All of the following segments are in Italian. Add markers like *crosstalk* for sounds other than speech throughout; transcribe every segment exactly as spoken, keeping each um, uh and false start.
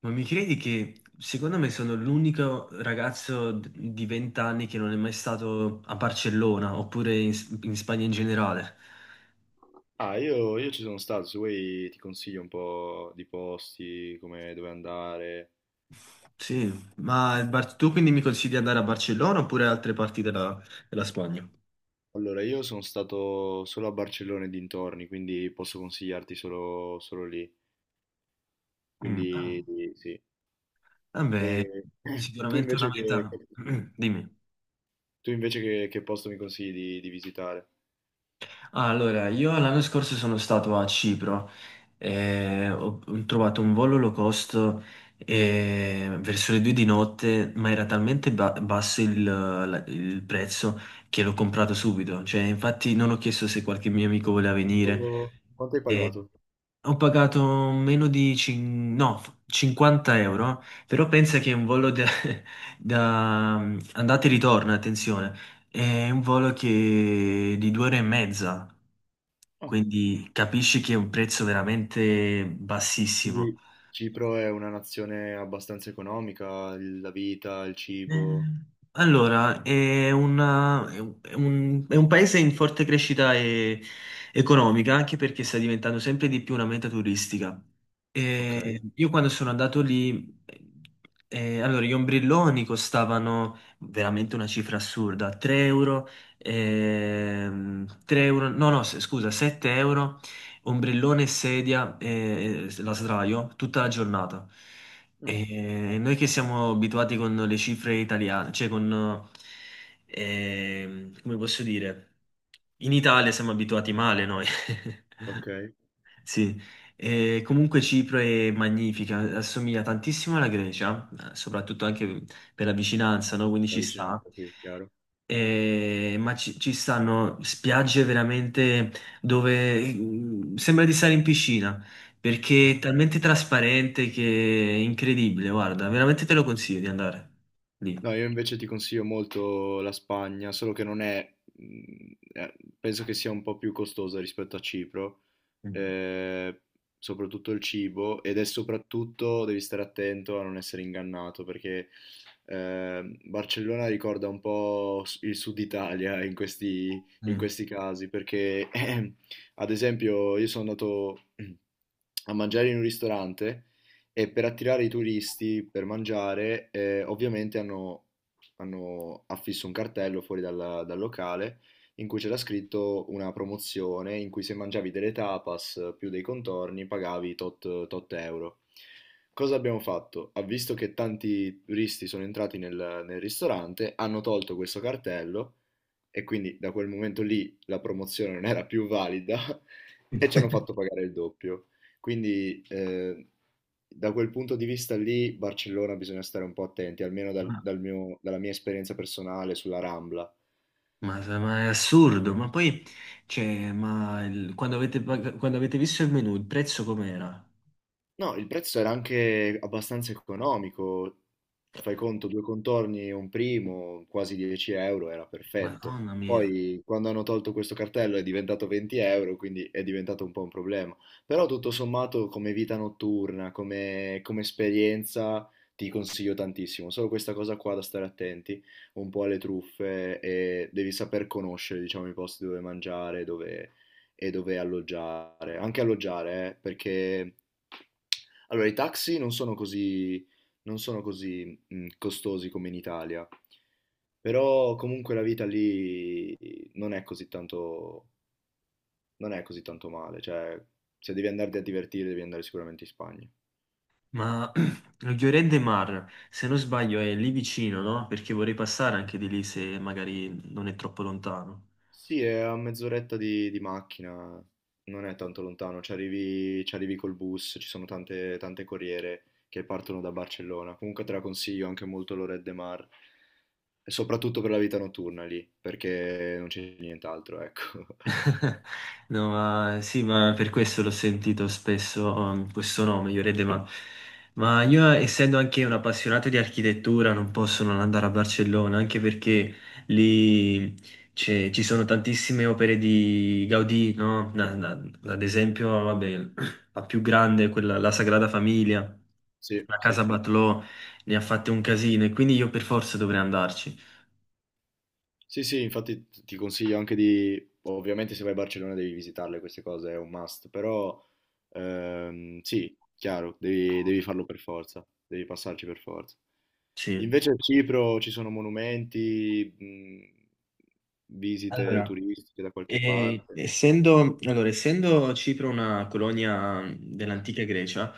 Ma mi credi che secondo me sono l'unico ragazzo d- di venti anni che non è mai stato a Barcellona oppure in, S- in Spagna in generale? Ah, io, io ci sono stato, se vuoi ti consiglio un po' di posti, come dove andare. Sì, ma il Bar- tu quindi mi consigli di andare a Barcellona oppure altre parti della, della Spagna? Allora, io sono stato solo a Barcellona e dintorni, quindi posso consigliarti solo, solo lì. Mm. Ah, Quindi sì. vabbè, E *clears throat* tu sicuramente una invece che, meta. *clears throat* Dimmi. tu invece che, che posto mi consigli di, di visitare? Ah, allora, io l'anno scorso sono stato a Cipro e ho ho trovato un volo low cost eh, verso le due di notte, ma era talmente ba- basso il, la- il prezzo che l'ho comprato subito. Cioè, infatti non ho chiesto se qualche mio amico voleva venire. Quanto, quanto hai E pagato? ho pagato meno di cin- no, cinquanta euro, però pensa che è un volo da, *laughs* da andata e ritorno, attenzione, è un volo che di due ore e mezza, Ah, quindi capisci che è un prezzo veramente bassissimo. quindi Cipro è una nazione abbastanza economica, il- la vita, il Eh, cibo. Allora, è una- è un, è un- è un paese in forte crescita e- economica, anche perché sta diventando sempre di più una meta turistica. Eh, Ok. io quando sono andato lì, eh, eh, allora, gli ombrelloni costavano veramente una cifra assurda, tre euro, ehm, tre euro, no, no, s- scusa, sette euro, ombrellone, sedia, eh, la sdraio, tutta la giornata. Ah, E noi che siamo abituati con le cifre italiane, cioè con, ehm, come posso dire, in Italia siamo abituati male noi. *laughs* ok, Sì, e comunque Cipro è magnifica, assomiglia tantissimo alla Grecia, eh, soprattutto anche per la vicinanza, no? Quindi la ci sta. vicinanza, sì, chiaro. Eh, ma ci, ci stanno spiagge veramente dove mm, sembra di stare in piscina perché è talmente trasparente che è incredibile. Guarda, veramente te lo consiglio di andare lì. No, io invece ti consiglio molto la Spagna, solo che non è, mh, eh, penso che sia un po' più costosa rispetto a Cipro, Mm. ehm, soprattutto il cibo ed è soprattutto devi stare attento a non essere ingannato perché ehm, Barcellona ricorda un po' s- il sud Italia in questi, in Mm. questi casi perché *clears throat* ad esempio io sono andato *clears throat* a mangiare in un ristorante e per attirare i turisti per mangiare eh, ovviamente hanno, hanno affisso un cartello fuori dalla- dal locale in cui c'era scritto una promozione in cui se mangiavi delle tapas più dei contorni pagavi tot, tot euro. Cosa abbiamo fatto? Ha visto che tanti turisti sono entrati nel, nel ristorante, hanno tolto questo cartello e quindi da quel momento lì la promozione non era più valida *laughs* e ci hanno fatto *laughs* pagare il doppio. Quindi eh, da quel punto di vista lì, Barcellona bisogna stare un po' attenti, almeno dal- Ma, dal mio- dalla mia esperienza personale sulla Rambla. ma- ma è assurdo, ma poi cioè, ma il- quando avete, pag- quando avete visto il menù, il prezzo com'era? No, il prezzo era anche abbastanza economico. Fai conto, due contorni e un primo, quasi dieci euro, era perfetto. Madonna mia. Poi, quando hanno tolto questo cartello è diventato venti euro, quindi è diventato un po' un problema. Però tutto sommato, come vita notturna, come, come esperienza, ti consiglio tantissimo. Solo questa cosa qua da stare attenti, un po' alle truffe e devi saper conoscere, diciamo, i posti dove mangiare, dove e dove alloggiare. Anche alloggiare, eh, perché allora i taxi non sono così, non sono così mh, costosi come in Italia, però comunque la vita lì non è così tanto, non è così tanto male, cioè se devi andarti a divertire devi andare sicuramente in Spagna. Ma *clears throat* lo Lloret de Mar, se non sbaglio, è lì vicino, no? Perché vorrei passare anche di lì se magari non è troppo lontano. Sì, è a mezz'oretta di, di macchina, non è tanto lontano, ci arrivi, ci arrivi col bus, ci sono tante, tante corriere che partono da Barcellona, comunque te la consiglio anche molto l'Oret de Mar. E soprattutto per la vita notturna lì, perché non c'è nient'altro, ecco. *laughs* *laughs* No, ma sì, ma per questo l'ho sentito spesso, um, questo nome, Llorente, ma, ma io essendo anche un appassionato di architettura non posso non andare a Barcellona, anche perché lì c'è- ci sono tantissime opere di Gaudì, no? Na- na- ad esempio, vabbè, *clears throat* la più grande, quella, la Sagrada Famiglia, Sì, la sì. Casa Batlló, ne ha fatte un casino e quindi io per forza dovrei andarci. Sì, sì, infatti t- ti consiglio anche di, ovviamente se vai a Barcellona devi visitarle queste cose, è un must, però ehm, sì, chiaro, devi, devi farlo per forza, devi passarci per forza. Sì. Invece a Cipro ci sono monumenti, mh, visite Allora, turistiche da qualche E- parte, essendo, allora, essendo Cipro una colonia mhmm, dell'antica Grecia,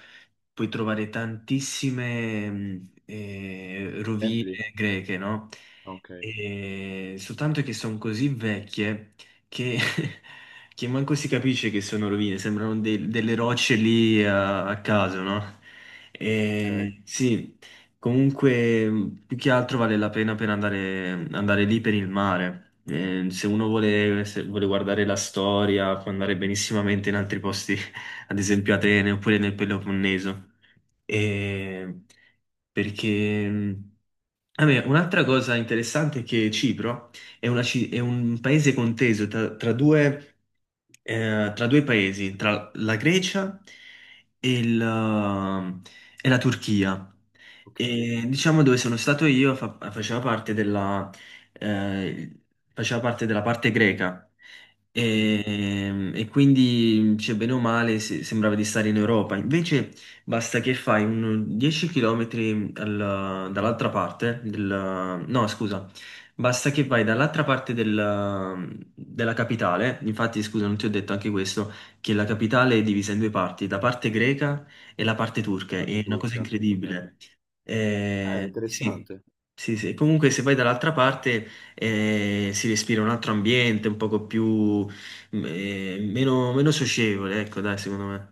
puoi trovare tantissime mh, eh, templi? rovine greche, no? Ah, ok, E soltanto che sono così vecchie che, *laughs* che manco si capisce che sono rovine, sembrano de- delle rocce lì a, a caso, no? ok, E, sì, comunque, mh, più che altro vale la pena per andare, andare lì per il mare. Eh, se uno vuole, se vuole guardare la storia, può andare benissimamente in altri posti, *laughs* ad esempio Atene oppure nel Peloponneso. E perché, mh, vabbè, un'altra cosa interessante è che Cipro è, una ci- è un paese conteso tra, tra due, eh, tra due paesi, tra la Grecia e il, eh, e la Turchia. ok. E diciamo dove sono stato io fa- faceva parte della, eh, faceva parte della parte greca Mm, e, e quindi cioè, bene o male se- sembrava di stare in Europa. Invece basta che fai un dieci chilometri al- dall'altra parte del, no, scusa, basta che vai dall'altra parte del- della capitale. Infatti, scusa, non ti ho detto anche questo, che la capitale è divisa in due parti, la parte greca e la parte turca. parte È una cosa turca, ok. incredibile. Eh, Eh, sì, interessante. sì, sì. Comunque se vai dall'altra parte eh, si respira un altro ambiente, un poco più, mm, eh, meno, meno socievole, ecco, dai, secondo me.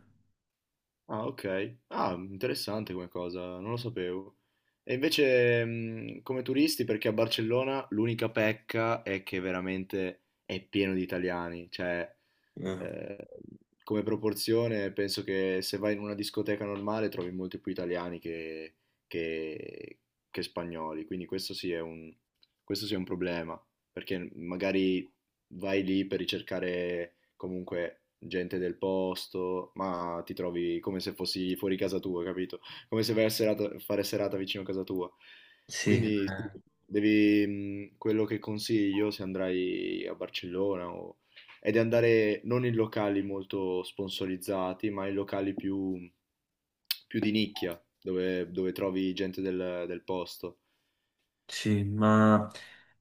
Ah, ok. Ah, interessante come cosa, non lo sapevo. E invece, mh, come turisti, perché a Barcellona l'unica pecca è che veramente è pieno di italiani, cioè Eh, eh, come proporzione penso che se vai in una discoteca normale trovi molti più italiani che, che- che spagnoli, quindi questo sì è un, questo sì è un problema, perché magari vai lì per ricercare comunque gente del posto, ma ti trovi come se fossi fuori casa tua, capito? Come se vai a serata- fare serata vicino a casa tua. Sì, Quindi sì, eh, devi, mh, quello che consiglio se andrai a Barcellona o è di andare non in locali molto sponsorizzati, ma in locali più, più di nicchia, dove, dove trovi gente del, del posto. sì, ma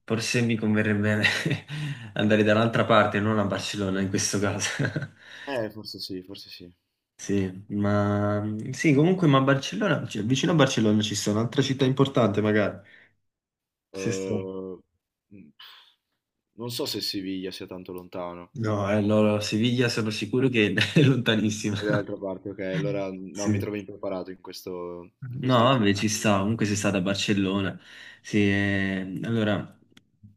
forse mi converrebbe *laughs* andare dall'altra parte, non a Barcellona in questo caso. *laughs* Eh, forse sì, forse sì. Sì, ma sì, comunque, ma a Barcellona, cioè, vicino a Barcellona ci sono un'altra città importante, magari. Sì, sì. Eh, mh, Non so se Siviglia sia tanto lontano. No, eh, no, no, Siviglia sono sicuro che *laughs* è lontanissima. È *laughs* dall'altra parte, ok. Allora no, mi Sì. trovo impreparato in questo, in No, questo... vabbè, ci sta, comunque sei stata a Barcellona. Sì, eh, allora,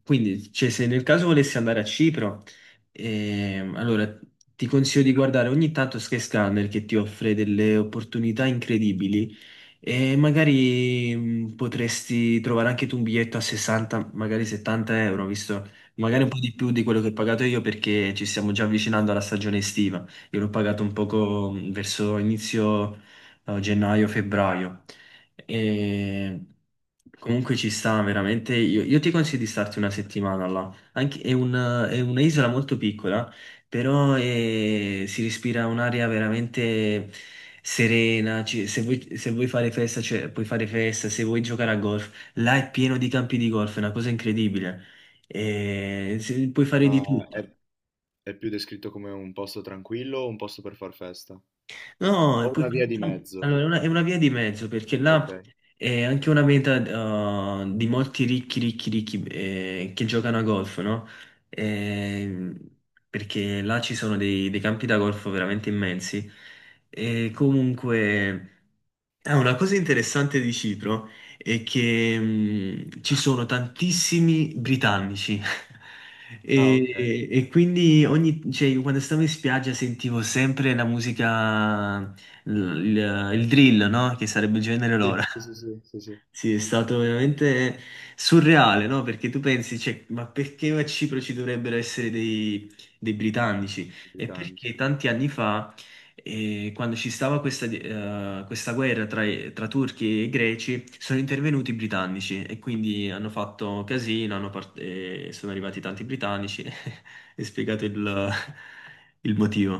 quindi, cioè, se nel caso volessi andare a Cipro, ehm, allora ti consiglio di guardare ogni tanto Sky Scanner che ti offre delle opportunità incredibili e magari mh, potresti trovare anche tu un biglietto a sessanta, magari settanta euro, visto magari un Ok. po' di più di quello che ho pagato io perché ci stiamo già avvicinando alla stagione estiva. Io l'ho pagato un poco mh, verso inizio no, gennaio-febbraio. E comunque ci sta veramente. Io, io ti consiglio di starti una settimana là. Anche- è un- è un'isola molto piccola, però è- si respira un'aria veramente serena. Ci- se vuoi, se vuoi fare festa, cioè, puoi fare festa, se vuoi giocare a golf, là è pieno di campi di golf, è una cosa incredibile. E, se- puoi fare di Ma tutto. è, è più descritto come un posto tranquillo o un posto per far festa? No, è O pu- una via di mezzo? allora, è una, è una via di mezzo perché là Ok. è anche una meta eh, di molti ricchi, ricchi, ricchi eh, che giocano a golf, no? Ehm, perché là ci sono dei, dei campi da golf veramente immensi e comunque. Ah, una cosa interessante di Cipro è che mh, ci sono tantissimi britannici *laughs* Ah, ok. e, e quindi ogni, cioè, io quando stavo in spiaggia sentivo sempre la musica, l- il, il drill, no? Che sarebbe il genere loro. Sì, sì, sì, sì, sì, sì. Sì, è stato veramente surreale, no? Perché tu pensi, cioè, ma perché a Cipro ci dovrebbero essere dei, dei britannici? E Britannici perché tanti anni fa, eh, quando ci stava questa, eh, questa guerra tra, tra turchi e greci, sono intervenuti i britannici e quindi hanno fatto casino, hanno part- eh, sono arrivati tanti britannici *laughs* e spiegato il il motivo.